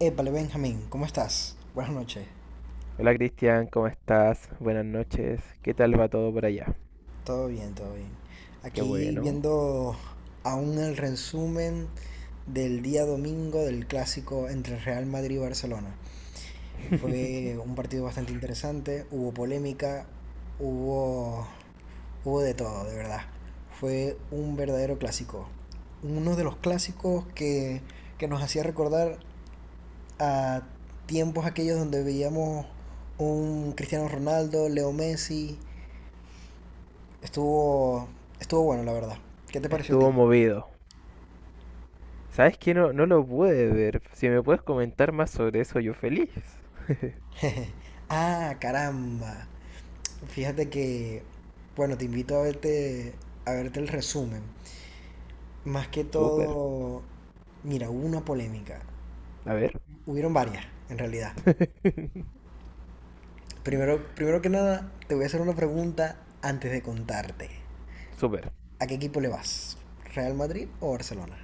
Épale, Benjamín, ¿cómo estás? Buenas noches. Hola Cristian, ¿cómo estás? Buenas noches. ¿Qué tal va todo por allá? Todo bien, todo bien. Qué Aquí bueno. viendo aún el resumen del día domingo del clásico entre Real Madrid y Barcelona. Fue un partido bastante interesante, hubo polémica, hubo, hubo de todo, de verdad. Fue un verdadero clásico. Uno de los clásicos que nos hacía recordar a tiempos aquellos donde veíamos un Cristiano Ronaldo, Leo Messi. Estuvo, Estuvo bueno, la verdad. ¿Qué te pareció a ti? Estuvo movido. ¿Sabes qué? No, no lo pude ver. Si me puedes comentar más sobre eso, yo feliz. Caramba. Fíjate que, bueno, te invito a a verte el resumen. Más que Súper. todo, mira, hubo una polémica. A ver. Hubieron varias, en realidad. Primero que nada, te voy a hacer una pregunta antes de contarte. Súper. ¿A qué equipo le vas? ¿Real Madrid o Barcelona?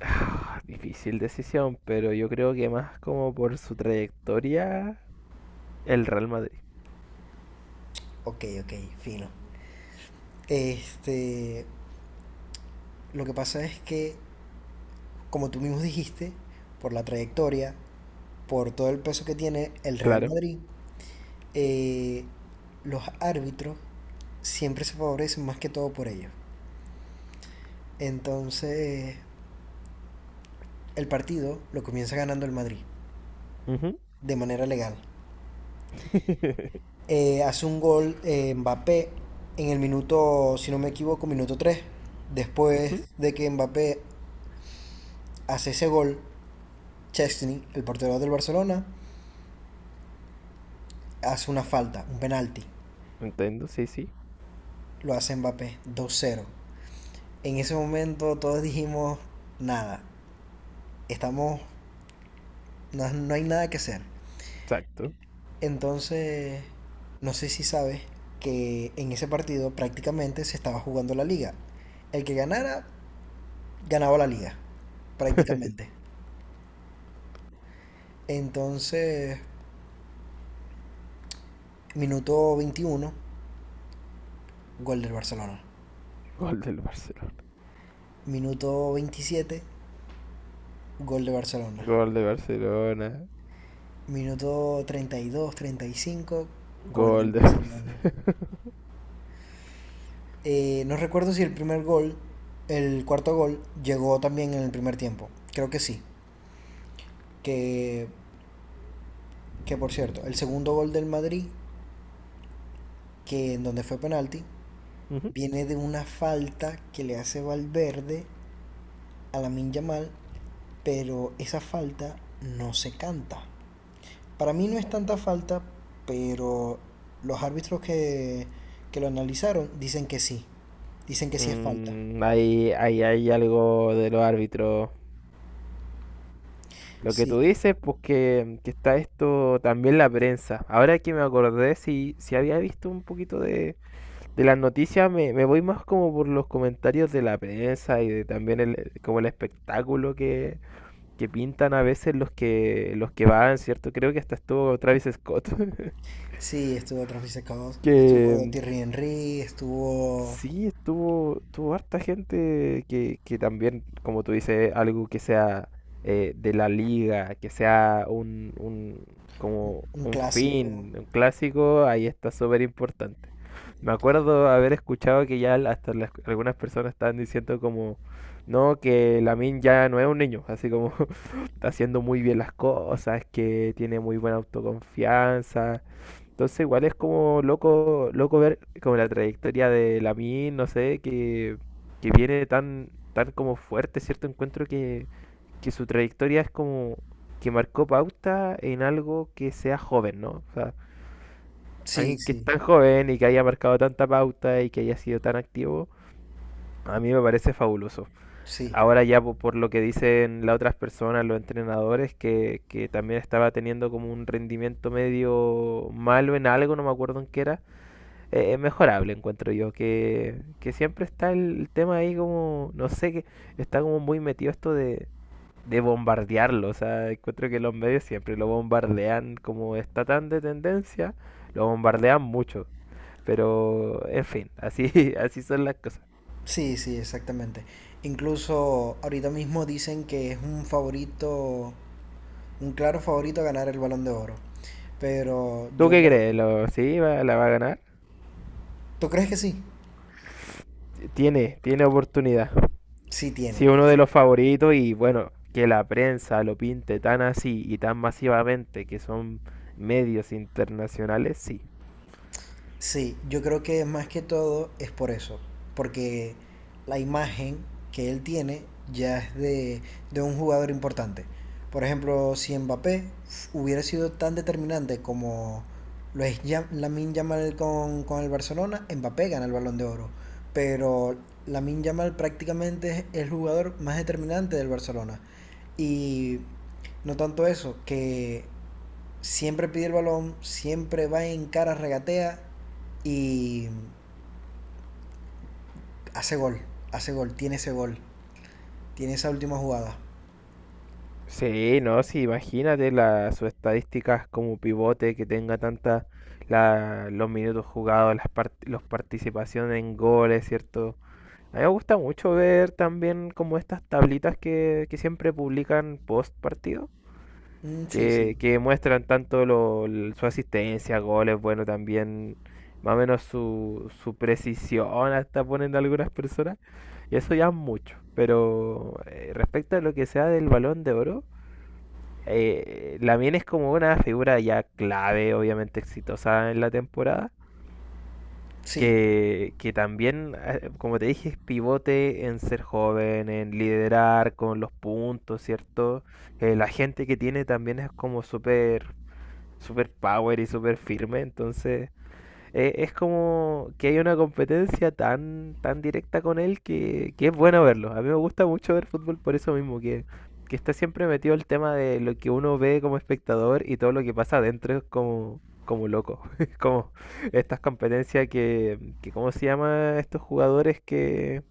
Ah, Difícil decisión, pero yo creo que más como por su trayectoria, el Real Madrid. Ok, ok, fino. Este, lo que pasa es que, como tú mismo dijiste, por la trayectoria, por todo el peso que tiene el Real Claro. Madrid, eh, los árbitros siempre se favorecen más que todo por ellos. Entonces, el partido lo comienza ganando el Madrid, Ujú. de manera legal. Hace un gol Mbappé en el minuto, si no me equivoco, minuto tres. Ujú. Después de que Mbappé hace ese gol, Chesney, el portero del Barcelona, hace una falta, un penalti. Entiendo, sí, sí. Lo hace Mbappé dos cero. En ese momento todos dijimos, nada, estamos, no hay nada que hacer. Exacto. Entonces, no sé si sabes que en ese partido prácticamente se estaba jugando la liga. El que ganara, ganaba la liga, prácticamente. Entonces, minuto 21, gol del Barcelona. Gol del Barcelona. Minuto 27, gol de Barcelona. Gol de Barcelona. Minuto 32, 35, gol del Gol de Barcelona. No recuerdo si el primer gol, el cuarto gol, llegó también en el primer tiempo. Creo que sí. Que, que, por cierto, el segundo gol del Madrid, que en donde fue penalti, Ujú. viene de una falta que le hace Valverde a la Yamal, pero esa falta no se canta. Para mí no es tanta falta, pero los árbitros que lo analizaron dicen que sí. Dicen que sí es falta. Mm, ahí, ahí hay algo de los árbitros. Lo que Sí. tú dices, pues que está esto también la prensa. Ahora que me acordé, si, si había visto un poquito de las noticias, me voy más como por los comentarios de la prensa y de también el, como el espectáculo que pintan a veces los que van, ¿cierto? Creo que hasta estuvo Travis Scott, Sí, estuvo Travis Scott, estuvo que, Thierry Henry, estuvo sí, estuvo, estuvo harta gente que también, como tú dices, algo que sea de la liga, que sea un, como un un clásico. fin, un clásico, ahí está súper importante. Me acuerdo haber escuchado que ya al- hasta las- algunas personas estaban diciendo como, no, que Lamin ya no es un niño, así como está haciendo muy bien las cosas, que tiene muy buena autoconfianza, entonces igual es como loco, loco ver como la trayectoria de Lamine, no sé, que viene tan, tan como fuerte, ¿cierto? Encuentro que su trayectoria es como que marcó pauta en algo que sea joven, ¿no? O sea, Sí, alguien que es sí, tan joven y que haya marcado tanta pauta y que haya sido tan activo, a mí me parece fabuloso. sí, Ahora ya po- por lo que dicen las otras personas, los entrenadores, que también estaba teniendo como un rendimiento medio malo en algo, no me acuerdo en qué era es mejorable, encuentro yo, que siempre está el tema ahí como, no sé, que está como muy metido esto de bombardearlo, o sea, encuentro que los medios siempre lo bombardean, como está tan de tendencia, lo bombardean mucho, pero en fin, así, así son las cosas. sí, sí, exactamente. Incluso ahorita mismo dicen que es un favorito, un claro favorito a ganar el Balón de Oro. Pero ¿Tú yo qué lo... crees? ¿Lo, sí, va- la va a ganar? ¿Tú crees que sí? Tiene, tiene oportunidad. Sí Sí, tiene. uno de Sí, los favoritos y bueno, que la prensa lo pinte tan así y tan masivamente que son medios internacionales, sí. sí, yo creo que más que todo es por eso, porque la imagen que él tiene ya es de un jugador importante. Por ejemplo, si Mbappé hubiera sido tan determinante como lo es Yam- Lamine Yamal con el Barcelona, Mbappé gana el Balón de Oro. Pero Lamine Yamal prácticamente es el jugador más determinante del Barcelona. Y no tanto eso, que siempre pide el balón, siempre va en cara, regatea y hace gol, hace gol, tiene ese gol, tiene esa última jugada. Sí, no, sí, imagínate la, sus estadísticas como pivote que tenga tanta la, los minutos jugados, las part los participaciones en goles, ¿cierto? A mí me gusta mucho ver también como estas tablitas que siempre publican post partido, Mm, sí, sí, que muestran tanto lo- l- su asistencia, goles, bueno, también más o menos su, su precisión, hasta ponen algunas personas, y eso ya es mucho. Pero respecto a lo que sea del Balón de Oro Lamine es como una figura ya clave, obviamente exitosa en la temporada. sí. Que también, como te dije, es pivote en ser joven, en liderar con los puntos, ¿cierto? La gente que tiene también es como súper, súper power y súper firme. Entonces, es como que hay una competencia tan, tan directa con él que es bueno verlo. A mí me gusta mucho ver fútbol por eso mismo, que está siempre metido el tema de lo que uno ve como espectador y todo lo que pasa adentro es como, como loco. Es como estas competencias que, ¿cómo se llama? Estos jugadores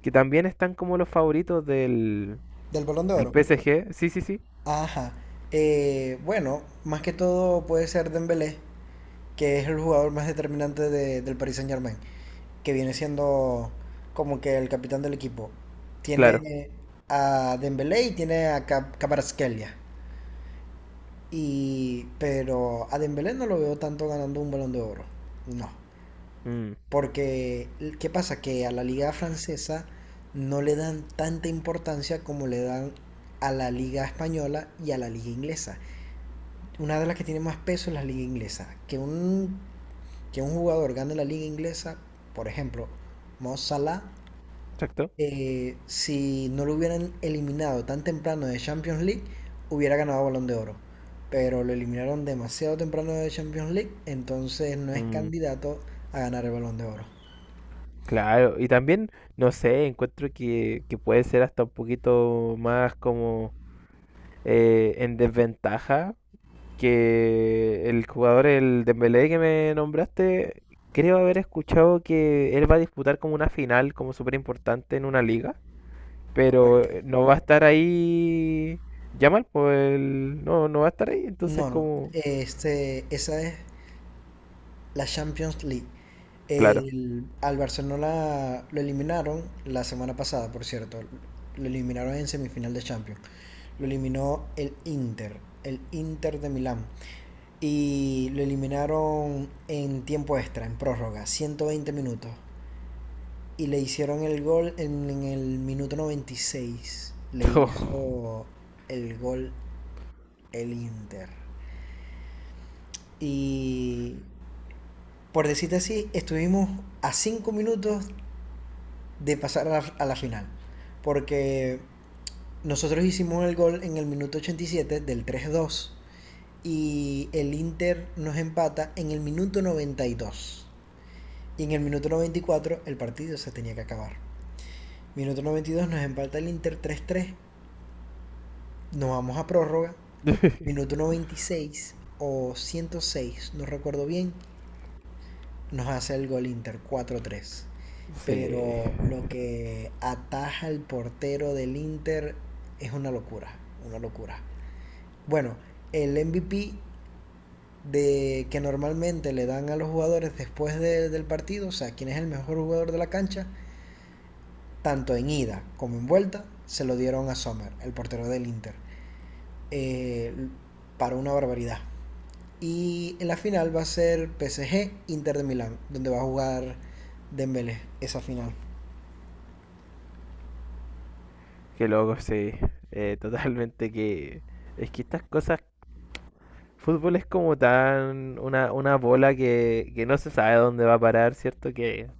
que también están como los favoritos del, ¿Del balón de del oro? PSG. Sí, sí, sí, Ajá. Bueno, más que todo puede ser Dembélé, que es el jugador más determinante del Paris Saint-Germain, que viene siendo como que el capitán del equipo. claro. Tiene a Dembélé y tiene a Cap Kvaratskhelia. Y, pero a Dembélé no lo veo tanto ganando un balón de oro. No. Mm, Porque, ¿qué pasa? Que a la liga francesa no le dan tanta importancia como le dan a la liga española y a la liga inglesa. Una de las que tiene más peso es la liga inglesa. Que un jugador gane la liga inglesa, por ejemplo, Mo Salah, exacto. Si no lo hubieran eliminado tan temprano de Champions League, hubiera ganado Balón de Oro. Pero lo eliminaron demasiado temprano de Champions League, entonces no es Mm. candidato a ganar el Balón de Oro. Claro, y también, no sé, encuentro que puede ser hasta un poquito más como en desventaja que el jugador, el Dembélé que me nombraste, creo haber escuchado que él va a disputar como una final, como súper importante en una liga, pero Correcto. No va a estar ahí Yamal, pues el- no, no va a estar ahí, entonces No, no. como, Esa es la Champions League. claro. Al Barcelona lo eliminaron la semana pasada, por cierto. Lo eliminaron en semifinal de Champions. Lo eliminó el Inter de Milán. Y lo eliminaron en tiempo extra, en prórroga, 120 minutos. Y le hicieron el gol en el minuto 96. Le hizo el gol el Inter. Y por decirte así, estuvimos a 5 minutos de pasar a a la final. Porque nosotros hicimos el gol en el minuto 87 del 3-2 y el Inter nos empata en el minuto 92. Y en el minuto 94 el partido se tenía que acabar. Minuto 92 nos empata el Inter 3-3. Nos vamos a prórroga. Minuto 96 o 106, no recuerdo bien, nos hace el gol Inter 4-3. Sí. Pero lo que ataja el portero del Inter es una locura, una locura. Bueno, el MVP de que normalmente le dan a los jugadores después del partido, o sea, quién es el mejor jugador de la cancha, tanto en ida como en vuelta, se lo dieron a Sommer, el portero del Inter. Eh, para una barbaridad. Y en la final va a ser PSG Inter de Milán, donde va a jugar Dembélé esa final. Qué loco, sí. Totalmente que... Es que estas cosas... Fútbol es como tan... una bola que no se sabe dónde va a parar, ¿cierto? Que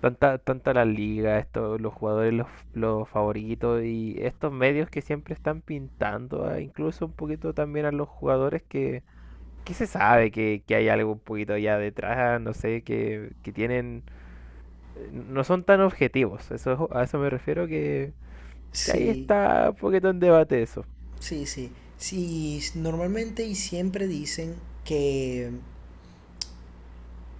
tanta, tanta la liga, esto, los jugadores, los favoritos y estos medios que siempre están pintando, ah, incluso un poquito también a los jugadores que se sabe que hay algo un poquito allá detrás? No sé, que tienen... no son tan objetivos. Eso, es- a eso me refiero que ahí Sí, está un poquito en debate eso. sí, sí. Sí, normalmente y siempre dicen que,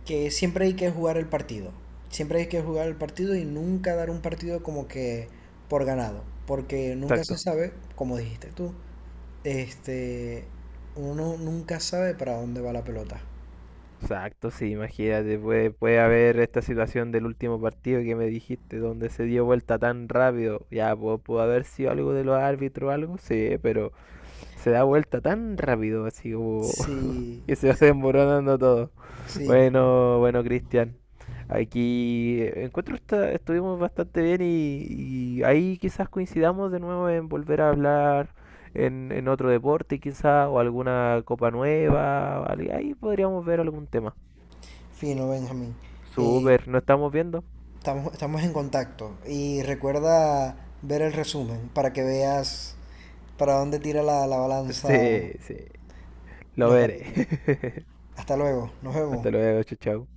que siempre hay que jugar el partido. Siempre hay que jugar el partido y nunca dar un partido como que por ganado, porque nunca se Exacto. sabe, como dijiste tú. Este, Uno nunca sabe para dónde va la pelota. Exacto, sí, imagínate, puede, puede haber esta situación del último partido que me dijiste, donde se dio vuelta tan rápido. Ya, pu- pudo, haber sido algo de los árbitros o algo, sí, pero se da vuelta tan rápido, así como Sí, que se va desmoronando todo. sí, Bueno, bueno, Cristian, aquí encuentro esta- estuvimos bastante bien y ahí quizás coincidamos de nuevo en volver a hablar. En otro deporte quizás, o alguna copa nueva, o algo- ahí podríamos ver algún tema. fino, Benjamín. Eh, Super, ¿no estamos viendo? estamos, estamos en contacto y recuerda ver el resumen para que veas para dónde tira la balanza Sí, sí, lo los veré. árbitros. Hasta luego, nos vemos. Hasta luego, chao, chao.